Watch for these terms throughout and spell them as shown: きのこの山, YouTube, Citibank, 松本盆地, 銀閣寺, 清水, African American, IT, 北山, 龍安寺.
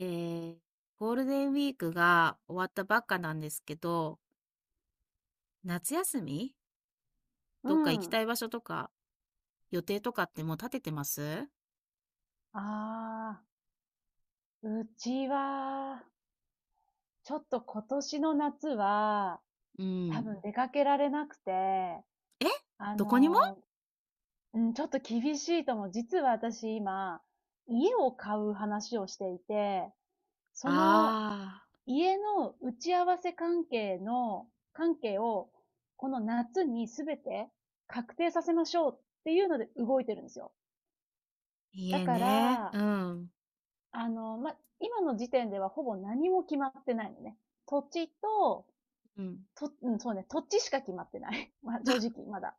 えー、ゴールデンウィークが終わったばっかなんですけど、夏休みうどっか行きん。たい場所とか、予定とかってもう立ててます？ああ、うちは、ちょっと今年の夏は、う多分ん。出かけられなくて、え、あどこにも。の、うん、ちょっと厳しいと思う。実は私今、家を買う話をしていて、そのああ家の打ち合わせ関係の、関係を、この夏にすべて確定させましょうっていうので動いてるんですよ。ー、だ家かね。うら、ん。ま、今の時点ではほぼ何も決まってないのね。土地と、うん。と、うん、そうね、土地しか決まってない。まあ、正直、まだ。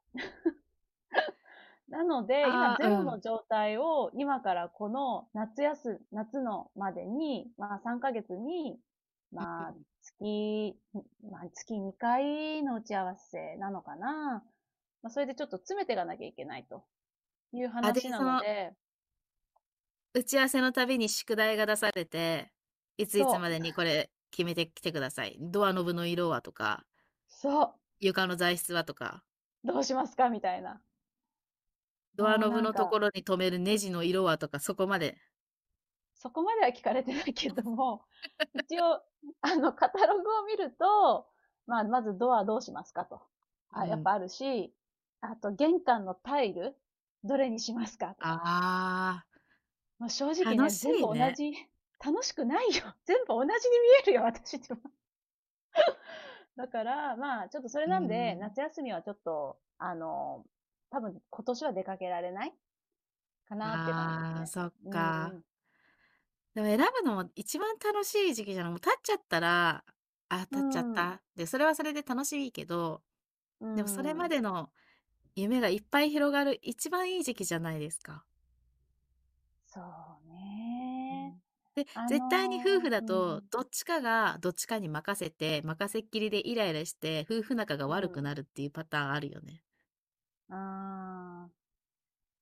なので、今ああ、ゼうロのん。状態を、今からこの夏休、夏のまでに、まあ3ヶ月に、まあ月、まあ月2回の打ち合わせなのかな。まあそれでちょっと詰めていかなきゃいけないというあ、で、話なので、打ち合わせのたびに宿題が出されて、いついつそまう、でにこれ決めてきてください。ドアノブの色はとか、そう、床の材質はとか、どうしますかみたいな。ドアもうノブなんのとこか、ろに留めるネジの色はとか、そこまで。そこまでは聞かれてないけども、一応、カタログを見ると、まあ、まずドアどうしますかと。うあ、やっん。ぱあるし、あと玄関のタイル、どれにしますかとあか。まあ正あ、直楽ね、し全部い同ね。じ、楽しくないよ。全部同じに見えるよ、私って。だから、まあ、ちょっとそれあ、うなーんで、ん。夏休みはちょっと、多分今年は出かけられないかなっていう感じですああ、ね。そっうか。ん。でも選ぶのも一番楽しい時期じゃない、もう立っちゃったら、あ、う立っちゃっん。た。で、それはそれで楽しいけど、うでもそれまん。での夢がいっぱい広がる一番いい時期じゃないですか。そううね。ん。で、あ絶対に夫婦のだー、うと、ん、どっちかがどっちかに任せて、任せっきりでイライラして、夫婦仲がう悪くん。なるっていうパターンあるよね。ああ、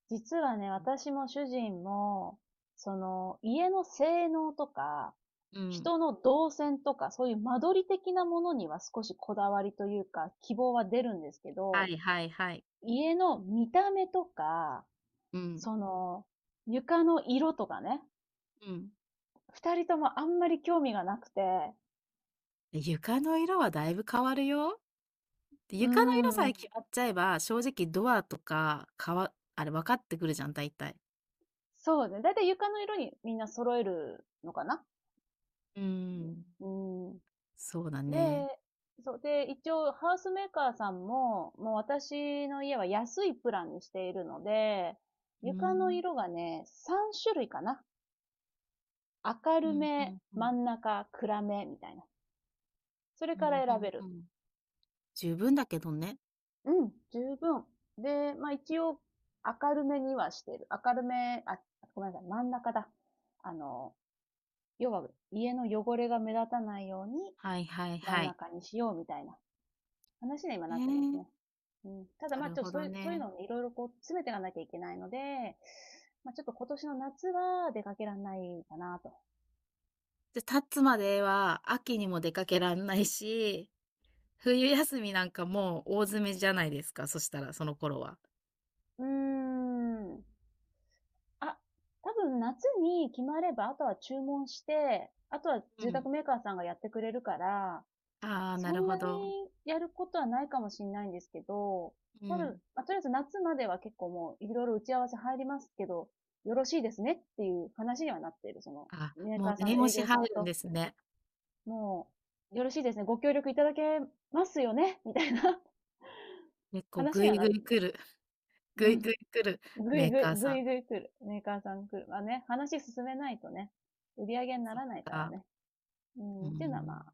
実はね、うん。私も主人も、その、家の性能とか、うん。人の動線とか、そういう間取り的なものには少しこだわりというか、希望は出るんですけはど、いはいはい。家の見た目とか、うん。その、床の色とかね、うん。二人ともあんまり興味がなくて、床の色はだいぶ変わるよ。で、うー床の色さえん、決まっちゃえば、正直ドアとか、かわあれ分かってくるじゃん、大体。そうね。だいたい床の色にみんな揃えるのかな。うん。うん、そうだね。で、そう。で、一応、ハウスメーカーさんも、もう私の家は安いプランにしているので、う床のん。色がね、3種類かな。明うるん、うめ、んうん。真ん中、暗め、みたいな。それうかん、うんら選べうる。ん。十分だけどね。うん、十分。で、まあ一応、明るめにはしてる。明るめ、あ、ごめんなさい、真ん中だ。あの、要は、家の汚れが目立たないように、はいはい真んはい。中にしようみたいな話に今えなえ、ってますね。うん、ただなまあ、るちょっとほそうどいう、そういうね。のをね、いろいろこう詰めていかなきゃいけないので、まあ、ちょっと今年の夏は出かけられないかなと。で、立つまでは秋にも出かけらんないし、冬休みなんかもう大詰めじゃないですか、そしたら、その頃は。うーん。あ、多分夏に決まれば、あとは注文して、あとはう住ん。宅メーカーさんがやってくれるから、ああ、なそるんほなにど。やることはないかもしれないんですけど、うただ、ん。まあ、とりあえず夏までは結構もういろいろ打ち合わせ入りますけど、よろしいですねっていう話にはなっている。その、あ、メーもカうーさんの念押営し業さ入んるんでとすね。もう、よろしいですね。ご協力いただけますよね みたいな結構話ぐにはいなぐっいて。来る。 ぐういん。ぐい来るぐメいーぐい、カーぐさいん。ぐい来る。メーカーさん来る。まあね、話進めないとね、売り上げになそっらないからか。ね。ううーん、っていうのはまん。あ。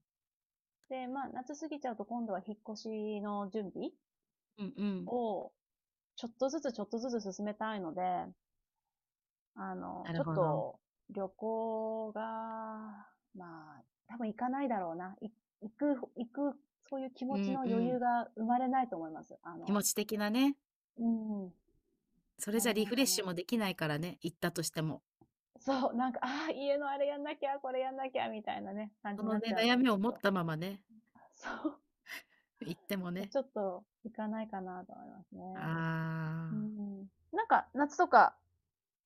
で、まあ、夏過ぎちゃうと今度は引っ越しの準備うんうん。を、ちょっとずつちょっとずつ進めたいので、なちるょっほど。と、旅行が、まあ、多分行かないだろうな。行く、行く、そういう気う持ちんのう余ん。裕が生まれないと思います。気持ち的なね。うん、それあじゃれリなフいレッかシュな。もできないからね、行ったとしても。そう、なんか、ああ、家のあれやんなきゃ、これやんなきゃ、みたいなね、感そじにのなっね、ちゃう悩の、みちをょっ持っと。たままね、そ行ってもう。ね。ちょっと、行かないかなと思いますあね。うあ、ん。なんか、夏とか、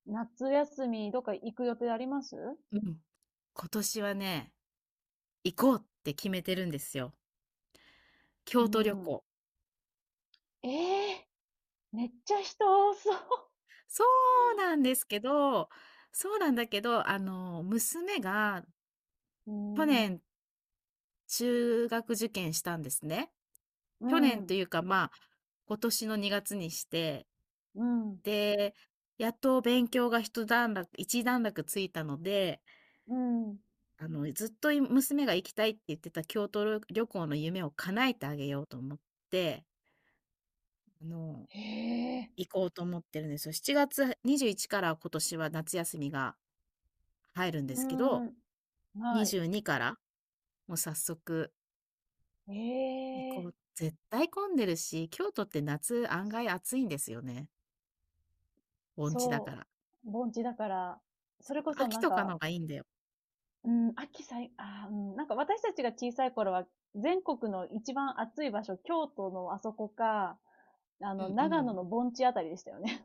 夏休み、どっか行く予定あります？うん。今年はね、行こうって決めてるんですよ。う京都旅ん。行。ええー、めっちゃ人多そそうなんですけどそうなんだけど、娘がう。う去ん。年中学受験したんですね。う去年とん。いうか、まあ、今年の2月にして、うん。で、やっと勉強が一段落ついたので、うん。ずっと娘が行きたいって言ってた京都旅行の夢を叶えてあげようと思って、あの、へえ。行こうと思ってるんですよ。7月21から今年は夏休みが入るんでうすけど、ん。はい。22からもう早速え行えこー、う。絶対混んでるし、京都って夏案外暑いんですよね。盆地だかそら。う。盆地だから、そそれう、こそ秋なんとかか、のがいいんだよ。うん、秋さあーうん、なんか私たちが小さい頃は、全国の一番暑い場所、京都のあそこか、うんう長野ん。の盆地あたりでしたよね。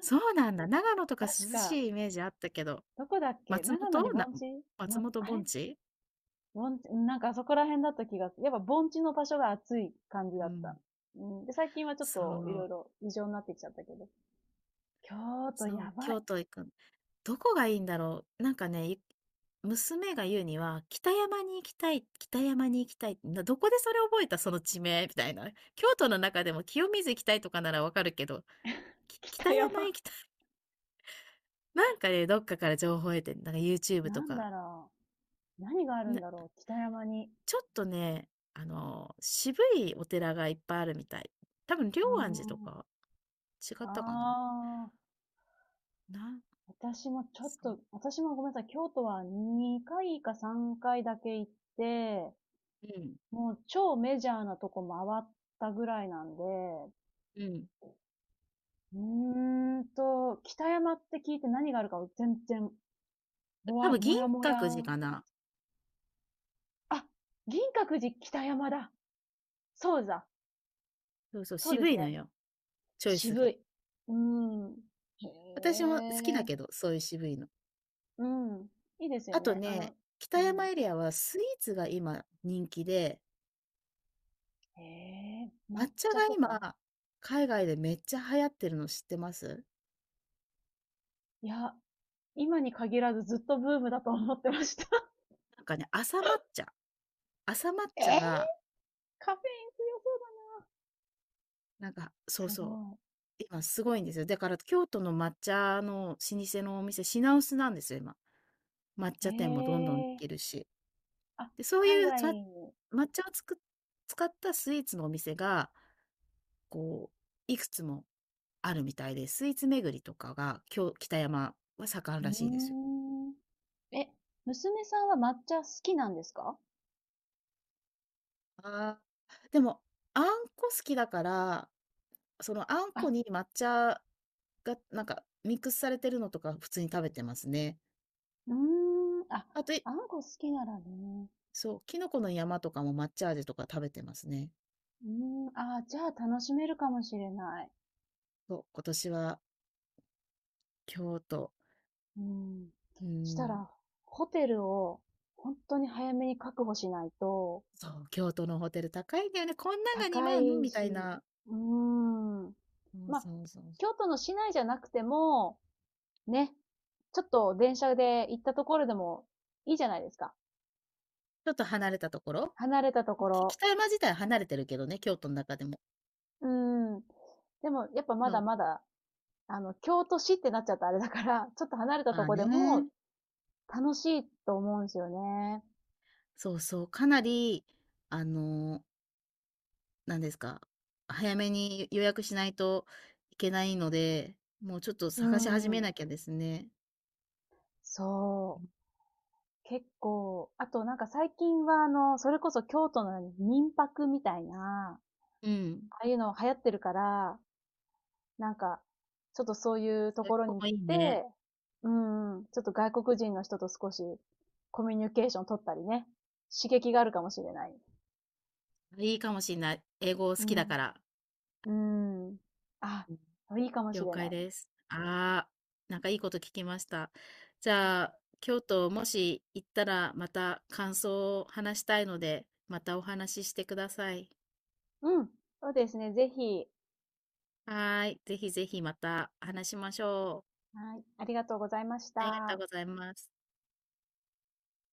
そうなんだ。長野と か確涼か、しいイメージあったけど、どこだっけ松長野に本な盆地松ま、本あれ盆地。盆地、なんかあそこら辺だった気が、やっぱ盆地の場所が暑い感じうだった。ん。うん、で、最近はちょっそといろう、いろ異常になってきちゃったけど。京都そう、やばい。京都行く。どこがいいんだろう。なんかね、娘が言うには、北山に行きたい、北山に行きたい。どこでそれ覚えたその地名みたいな。京都の中でも清水行きたいとかならわかるけど、北北山行山。きたい。なんかね、どっかから情報を得てん、なんか YouTube となんか。だろう。何があるなんだろう。北山に。ちょっとね、渋いお寺がいっぱいあるみたい。多分龍うー安寺とん。か違っあたかな。あ。な私もちょっそう。と、私もごめんなさい、京都は2回か3回だけ行って、うん、もう超メジャーなとこ回ったぐらいなんで、うん。うーんと、北山って聞いて何があるかを全然、ぼ多わ、分も銀やもや閣寺ーっかて感な。じ。あ、銀閣寺北山だ。そうだ。そうそう、そうで渋すいね。のよ、チョイス渋が。い。うーん。私へも好きだえ。けど、そういう渋いの。うん。いいですよあとね。ね、北う山ん。エリアはスイーツが今人気で、へえ、抹抹茶が茶とか、今、海外でめっちゃ流行ってるの知ってます？いや、今に限らずずっとブームだと思ってました。なんかね、茶朝抹 え茶ーが、カフェイなんかそうン強そうそだうな。すご今すごいんですよ。だから京都の抹茶の老舗のお店、品薄なんですよ、今。抹い。へ茶店もどんどんでえ。きるし。あ、で、そう海いう、外に。抹茶を使ったスイーツのお店が、こいくつもあるみたいで、スイーツ巡りとかが、北山は盛んうらしいんですよ。ーん。え、娘さんは抹茶好きなんですか？ああ、でも、あんこ好きだから、そのあんあ、こに抹茶がなんかミックスされてるのとか普通に食べてますね。うーん。あ、あと、あんこ好きならね。そう、きのこの山とかも抹茶味とか食べてますね。うーん。あー、じゃあ楽しめるかもしれない。そう、今年は京都、うん。うしたん、ら、ホテルを本当に早めに確保しないと、そう、京都のホテル高いんだよね。こんなんが高2万いみたいし、な。うーん。そうまあ、そうそうそう。京都の市内じゃなくても、ね、ちょっと電車で行ったところでもいいじゃないですか。ちょっと離れたところ、離れたところ。北山自体は離れてるけどね、京都の中でも。うーん。でも、やっぱまそだう、まだ、京都市ってなっちゃったあれだから、ちょっと離れたまとあこでもね、楽しいと思うんですよね。そうそう、かなり、あの、なんですか、早めに予約しないといけないので、もうちょっとう探し始めんん。なきゃですね。そう。結構、あとなんか最近はそれこそ京都の民泊みたいな、うん、ああいうの流行ってるから、なんか、ちょっとそういうそとういうことろにこ行っもいいね。て、うん、ちょっと外国人の人と少しコミュニケーション取ったりね、刺激があるかもしれない。いいかもしんない。英語好うきだかん。ら。うん。あ、うん。いいかもし了れ解ない。です。ああ、なんかいいこと聞きました。じゃあ、京都もし行ったらまた感想を話したいので、またお話ししてください。うん。そうですね。ぜひ。はーい。ぜひぜひまた話しましょはい。ありがとうございましう。ありがとうた。ございます。